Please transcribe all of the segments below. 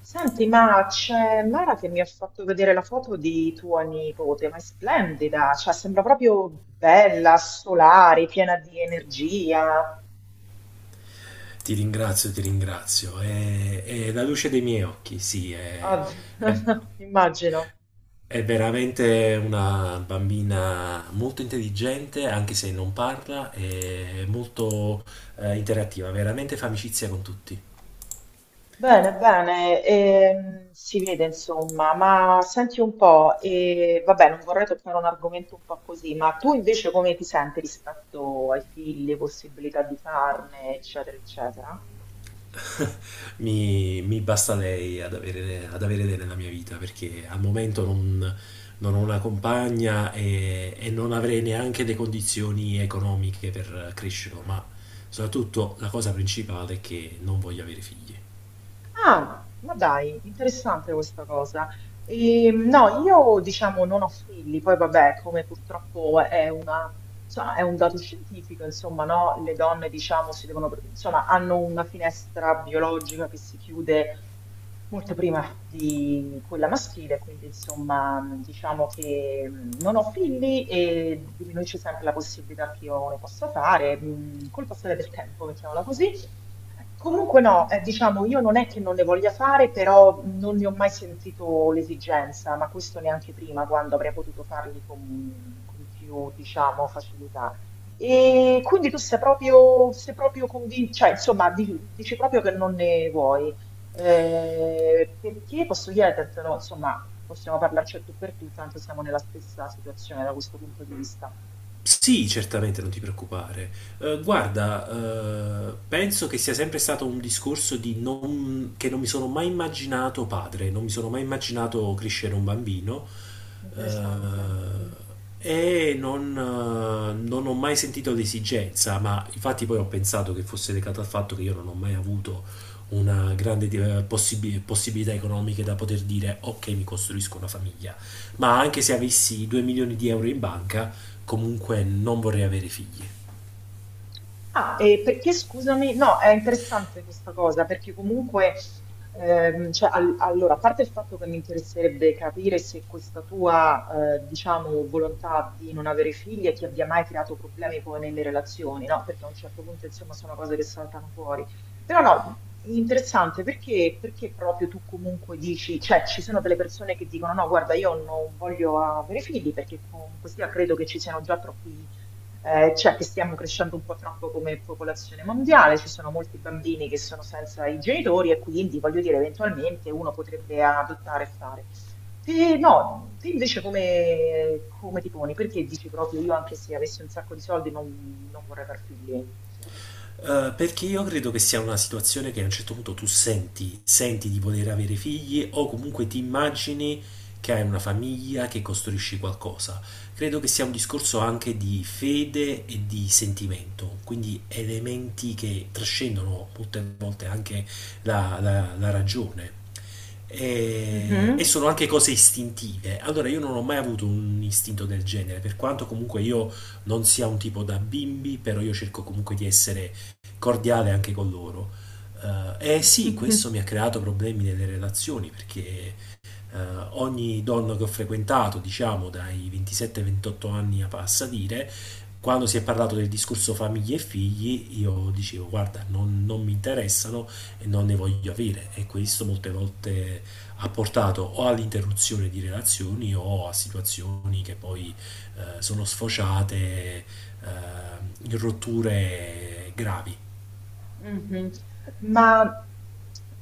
Senti, ma c'è Mara che mi ha fatto vedere la foto di tua nipote, ma è splendida, cioè sembra proprio bella, solare, piena di energia. Ti ringrazio, ti ringrazio. È la luce dei miei occhi, sì, Ah, è- immagino. è veramente una bambina molto intelligente, anche se non parla, è molto interattiva, veramente fa amicizia con tutti. Bene, bene, si vede insomma, ma senti un po', e, vabbè, non vorrei toccare un argomento un po' così, ma tu invece come ti senti rispetto ai figli, possibilità di farne, eccetera, eccetera? Mi basta lei ad avere lei nella mia vita perché al momento non ho una compagna e non avrei neanche le condizioni economiche per crescerlo, ma soprattutto la cosa principale è che non voglio avere figli. Ah, ma dai, interessante questa cosa. E, no, io diciamo non ho figli, poi vabbè, come purtroppo è una, insomma, è un dato scientifico, insomma, no? Le donne, diciamo, si devono, insomma, hanno una finestra biologica che si chiude molto prima di quella maschile, quindi insomma diciamo che non ho figli e diminuisce sempre la possibilità che io ne possa fare, col passare del tempo, mettiamola così. Comunque no, diciamo io non è che non ne voglia fare, però non ne ho mai sentito l'esigenza, ma questo neanche prima, quando avrei potuto farli con più, diciamo, facilità. E quindi tu sei proprio convinto, cioè insomma dici proprio che non ne vuoi. Perché posso chiedertelo, insomma, possiamo parlarci a tu per tu, tanto siamo nella stessa situazione da questo punto di vista. Sì, certamente, non ti preoccupare. Guarda, penso che sia sempre stato un discorso di non, che non mi sono mai immaginato padre, non mi sono mai immaginato crescere un bambino eh, Interessante. Mm. e non ho mai sentito l'esigenza, ma infatti poi ho pensato che fosse legato al fatto che io non ho mai avuto una grande possibilità economiche da poter dire ok, mi costruisco una famiglia, ma anche se avessi 2 milioni di euro in banca, comunque non vorrei avere figli. Ah, e perché scusami? No, è interessante questa cosa perché comunque, cioè, allora, a parte il fatto che mi interesserebbe capire se questa tua, diciamo, volontà di non avere figli ti abbia mai creato problemi poi nelle relazioni, no? Perché a un certo punto, insomma, sono cose che saltano fuori. Però no, interessante perché, perché proprio tu comunque dici, cioè, ci sono delle persone che dicono no, guarda, io non voglio avere figli perché comunque sia credo che ci siano già troppi cioè che stiamo crescendo un po' troppo come popolazione mondiale, ci sono molti bambini che sono senza i genitori e quindi, voglio dire, eventualmente uno potrebbe adottare e fare. Te, no, te invece come, come ti poni? Perché dici proprio io anche se avessi un sacco di soldi non, non vorrei far figli? Perché io credo che sia una situazione che a un certo punto tu senti, senti di poter avere figli o comunque ti immagini che hai una famiglia, che costruisci qualcosa. Credo che sia un discorso anche di fede e di sentimento, quindi elementi che trascendono molte volte anche la ragione. E Mhm. sono anche cose istintive. Allora, io non ho mai avuto un istinto del genere, per quanto comunque io non sia un tipo da bimbi, però io cerco comunque di essere cordiale anche con loro. E sì, questo mi ha creato problemi nelle relazioni perché eh, ogni donna che ho frequentato, diciamo dai 27-28 anni a passadire, quando si è parlato del discorso famiglie e figli, io dicevo guarda, non mi interessano e non ne voglio avere, e questo molte volte ha portato o all'interruzione di relazioni o a situazioni che poi sono sfociate in rotture gravi. Mhm. Ma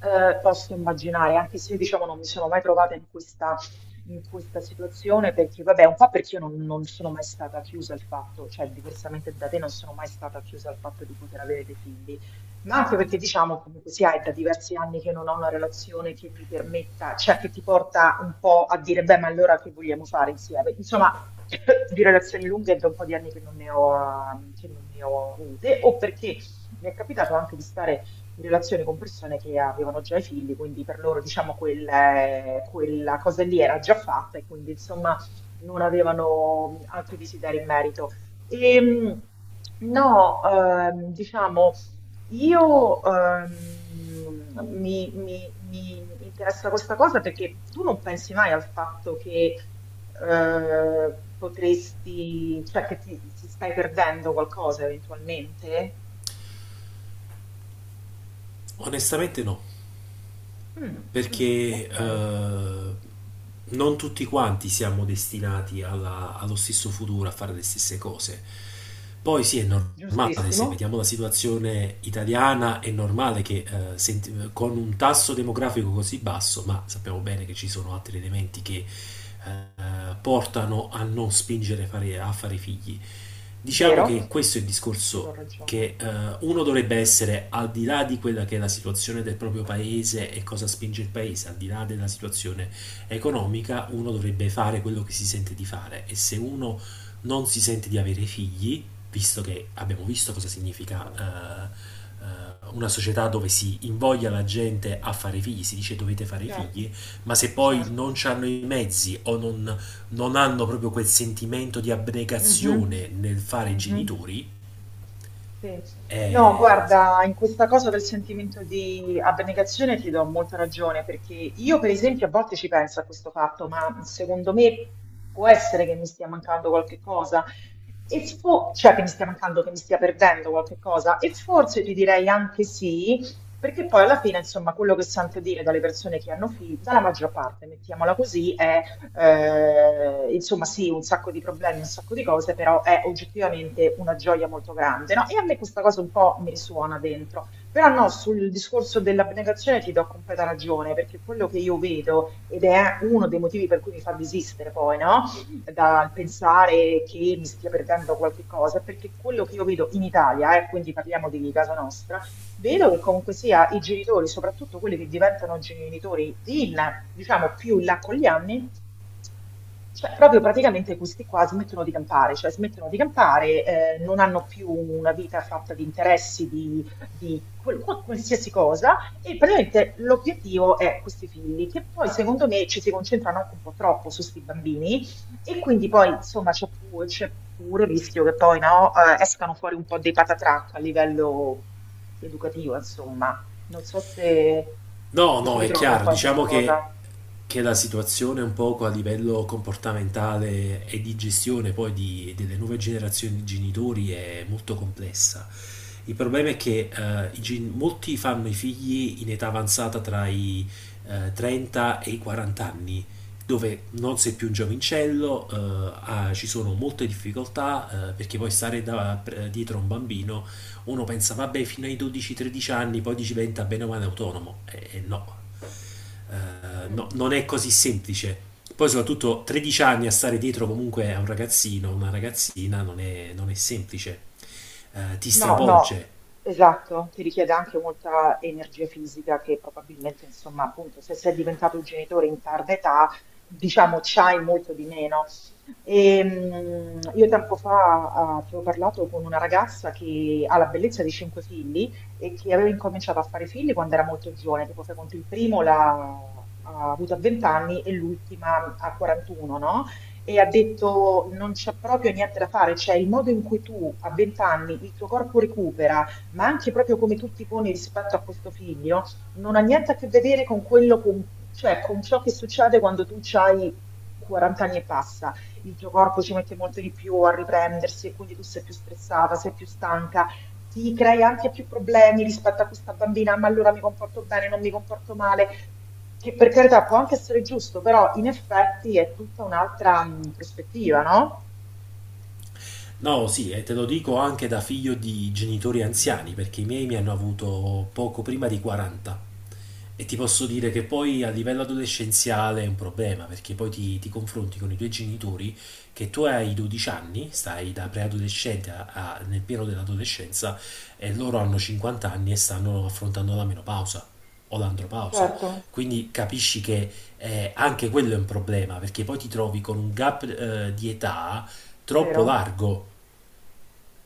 posso immaginare, anche se diciamo non mi sono mai trovata in questa situazione, perché vabbè, un po' perché io non, non sono mai stata chiusa al fatto, cioè diversamente da te non sono mai stata chiusa al fatto di poter avere dei figli, ma anche perché diciamo comunque sia, è da diversi anni che non ho una relazione che mi permetta, cioè che ti porta un po' a dire, beh, ma allora che vogliamo fare insieme? Insomma, di relazioni lunghe è da un po' di anni che non ne ho, che non ne ho avute, o perché mi è capitato anche di stare in relazione con persone che avevano già i figli, quindi per loro, diciamo, quel, quella cosa lì era già fatta e quindi, insomma, non avevano altri desideri in merito. E, no, diciamo, io mi, mi interessa questa cosa perché tu non pensi mai al fatto che potresti, cioè che ti stai perdendo qualcosa eventualmente? Onestamente no, Mm, mm, perché ok, non tutti quanti siamo destinati allo stesso futuro, a fare le stesse cose. Poi sì, è normale, se giustissimo, vediamo la situazione italiana, è normale che con un tasso demografico così basso, ma sappiamo bene che ci sono altri elementi che portano a non spingere a fare figli. Diciamo che vero? questo è il Ti discorso do ragione. che uno dovrebbe essere al di là di quella che è la situazione del proprio paese e cosa spinge il paese, al di là della situazione economica. Uno dovrebbe fare quello che si sente di fare, e se uno non si sente di avere figli, visto che abbiamo visto cosa significa una società dove si invoglia la gente a fare figli, si dice dovete fare Certo, figli, ma se poi certo. non hanno i mezzi o non, non hanno proprio quel sentimento di Mhm, abnegazione nel fare i mhm. genitori, Sì. No, eh, guarda, in questa cosa del sentimento di abnegazione ti do molta ragione, perché io per esempio a volte ci penso a questo fatto, ma secondo me può essere che mi stia mancando qualche cosa, e cioè che mi stia mancando, che mi stia perdendo qualche cosa, e forse ti direi anche sì, perché poi alla fine, insomma, quello che sento dire dalle persone che hanno figli, dalla maggior parte, mettiamola così, è insomma, sì, un sacco di problemi, un sacco di cose, però è oggettivamente una gioia molto grande, no? E a me questa cosa un po' mi risuona dentro. Però no, sul discorso dell'abnegazione ti do completa ragione, perché quello che io vedo, ed è uno dei motivi per cui mi fa desistere poi, no? Dal pensare che mi stia perdendo qualche cosa, perché quello che io vedo in Italia, e quindi parliamo di casa nostra, vedo che comunque sia i genitori, soprattutto quelli che diventano genitori in, diciamo, più in là con gli anni, cioè proprio praticamente questi qua smettono di campare, cioè smettono di campare, non hanno più una vita fatta di interessi, di qualsiasi cosa, e praticamente l'obiettivo è questi figli, che poi secondo me ci si concentrano anche un po' troppo su questi bambini, e quindi poi, insomma, c'è pure il rischio che poi, no, escano fuori un po' dei patatrac a livello educativo, insomma. Non so se no, ti ci no, è ritrovi un chiaro, po' in questa cosa. Che la situazione un poco a livello comportamentale e di gestione poi delle nuove generazioni di genitori è molto complessa. Il problema è che molti fanno i figli in età avanzata tra i 30 e i 40 anni, dove non sei più un giovincello. Ci sono molte difficoltà, perché poi stare dietro a un bambino, uno pensa vabbè fino ai 12-13 anni poi diventa bene o male autonomo e no. No, non è così semplice. Poi soprattutto 13 anni a stare dietro comunque a un ragazzino, una ragazzina non è semplice. Ti No, no, stravolge. esatto, ti richiede anche molta energia fisica che probabilmente, insomma, appunto, se sei diventato genitore in tarda età, diciamo, c'hai molto di meno. E, io tempo fa avevo parlato con una ragazza che ha la bellezza di cinque figli e che aveva incominciato a fare figli quando era molto giovane, tipo fai conto il primo l'ha ha avuto a 20 anni e l'ultima a 41, no? E ha detto non c'è proprio niente da fare, cioè il modo in cui tu a 20 anni il tuo corpo recupera, ma anche proprio come tu ti poni rispetto a questo figlio, non ha niente a che vedere con quello, con, cioè con ciò che succede quando tu hai 40 anni e passa. Il tuo corpo ci mette molto di più a riprendersi e quindi tu sei più stressata, sei più stanca. Ti crei anche più problemi rispetto a questa bambina, ma allora mi comporto bene, non mi comporto male. Che per carità può anche essere giusto, però in effetti è tutta un'altra prospettiva, no? No, sì, e te lo dico anche da figlio di genitori anziani, perché i miei mi hanno avuto poco prima di 40. E ti posso dire che poi a livello adolescenziale è un problema, perché poi ti confronti con i tuoi genitori, che tu hai 12 anni, stai da preadolescente nel pieno dell'adolescenza e loro hanno 50 anni e stanno affrontando la menopausa o l'andropausa. Certo, Quindi capisci che anche quello è un problema, perché poi ti trovi con un gap di età troppo vero? largo.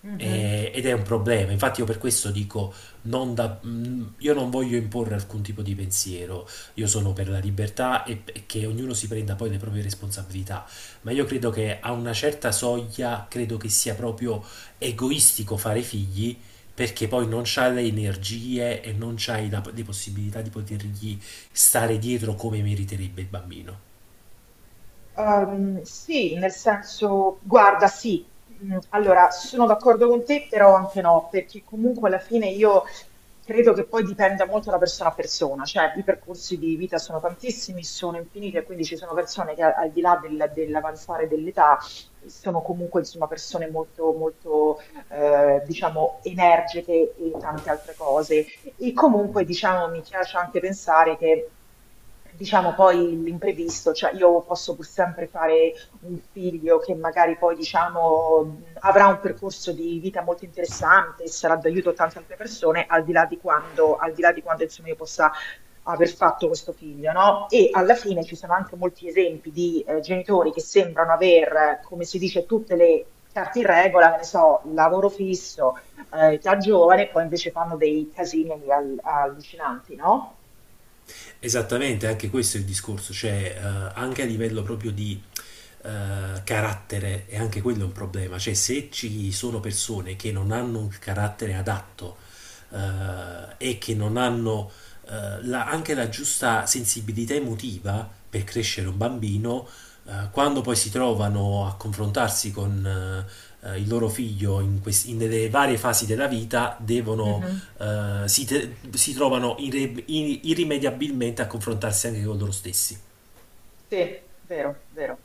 Mhm. Ed è un problema. Infatti, io per questo dico: non da- mm, io non voglio imporre alcun tipo di pensiero. Io sono per la libertà e che ognuno si prenda poi le proprie responsabilità. Ma io credo che a una certa soglia, credo che sia proprio egoistico fare figli. Perché poi non c'hai le energie e non c'hai le possibilità di potergli stare dietro come meriterebbe il bambino. Sì, nel senso, guarda, sì, allora sono d'accordo con te, però anche no, perché comunque alla fine io credo che poi dipenda molto da persona a persona, cioè i percorsi di vita sono tantissimi, sono infiniti, e quindi ci sono persone che al di là dell'avanzare dell'età sono comunque insomma persone molto, molto diciamo energiche e tante altre cose. E comunque, diciamo, mi piace anche pensare che, diciamo, poi l'imprevisto, cioè io posso pur sempre fare un figlio che magari poi, diciamo, avrà un percorso di vita molto interessante e sarà d'aiuto a tante altre persone, al di là di quando, al di là di quando, insomma, io possa aver fatto questo figlio, no? E alla fine ci sono anche molti esempi di genitori che sembrano aver, come si dice, tutte le carte in regola, che ne so, lavoro fisso, già giovane, poi invece fanno dei casini allucinanti, no? Esattamente, anche questo è il discorso, cioè anche a livello proprio di carattere, e anche quello è un problema, cioè se ci sono persone che non hanno un carattere adatto e che non hanno anche la giusta sensibilità emotiva per crescere un bambino, quando poi si trovano a confrontarsi con il loro figlio in nelle varie fasi della vita, devono, Mhm. Si trovano irrimediabilmente a confrontarsi anche con loro stessi. Sì, vero, vero.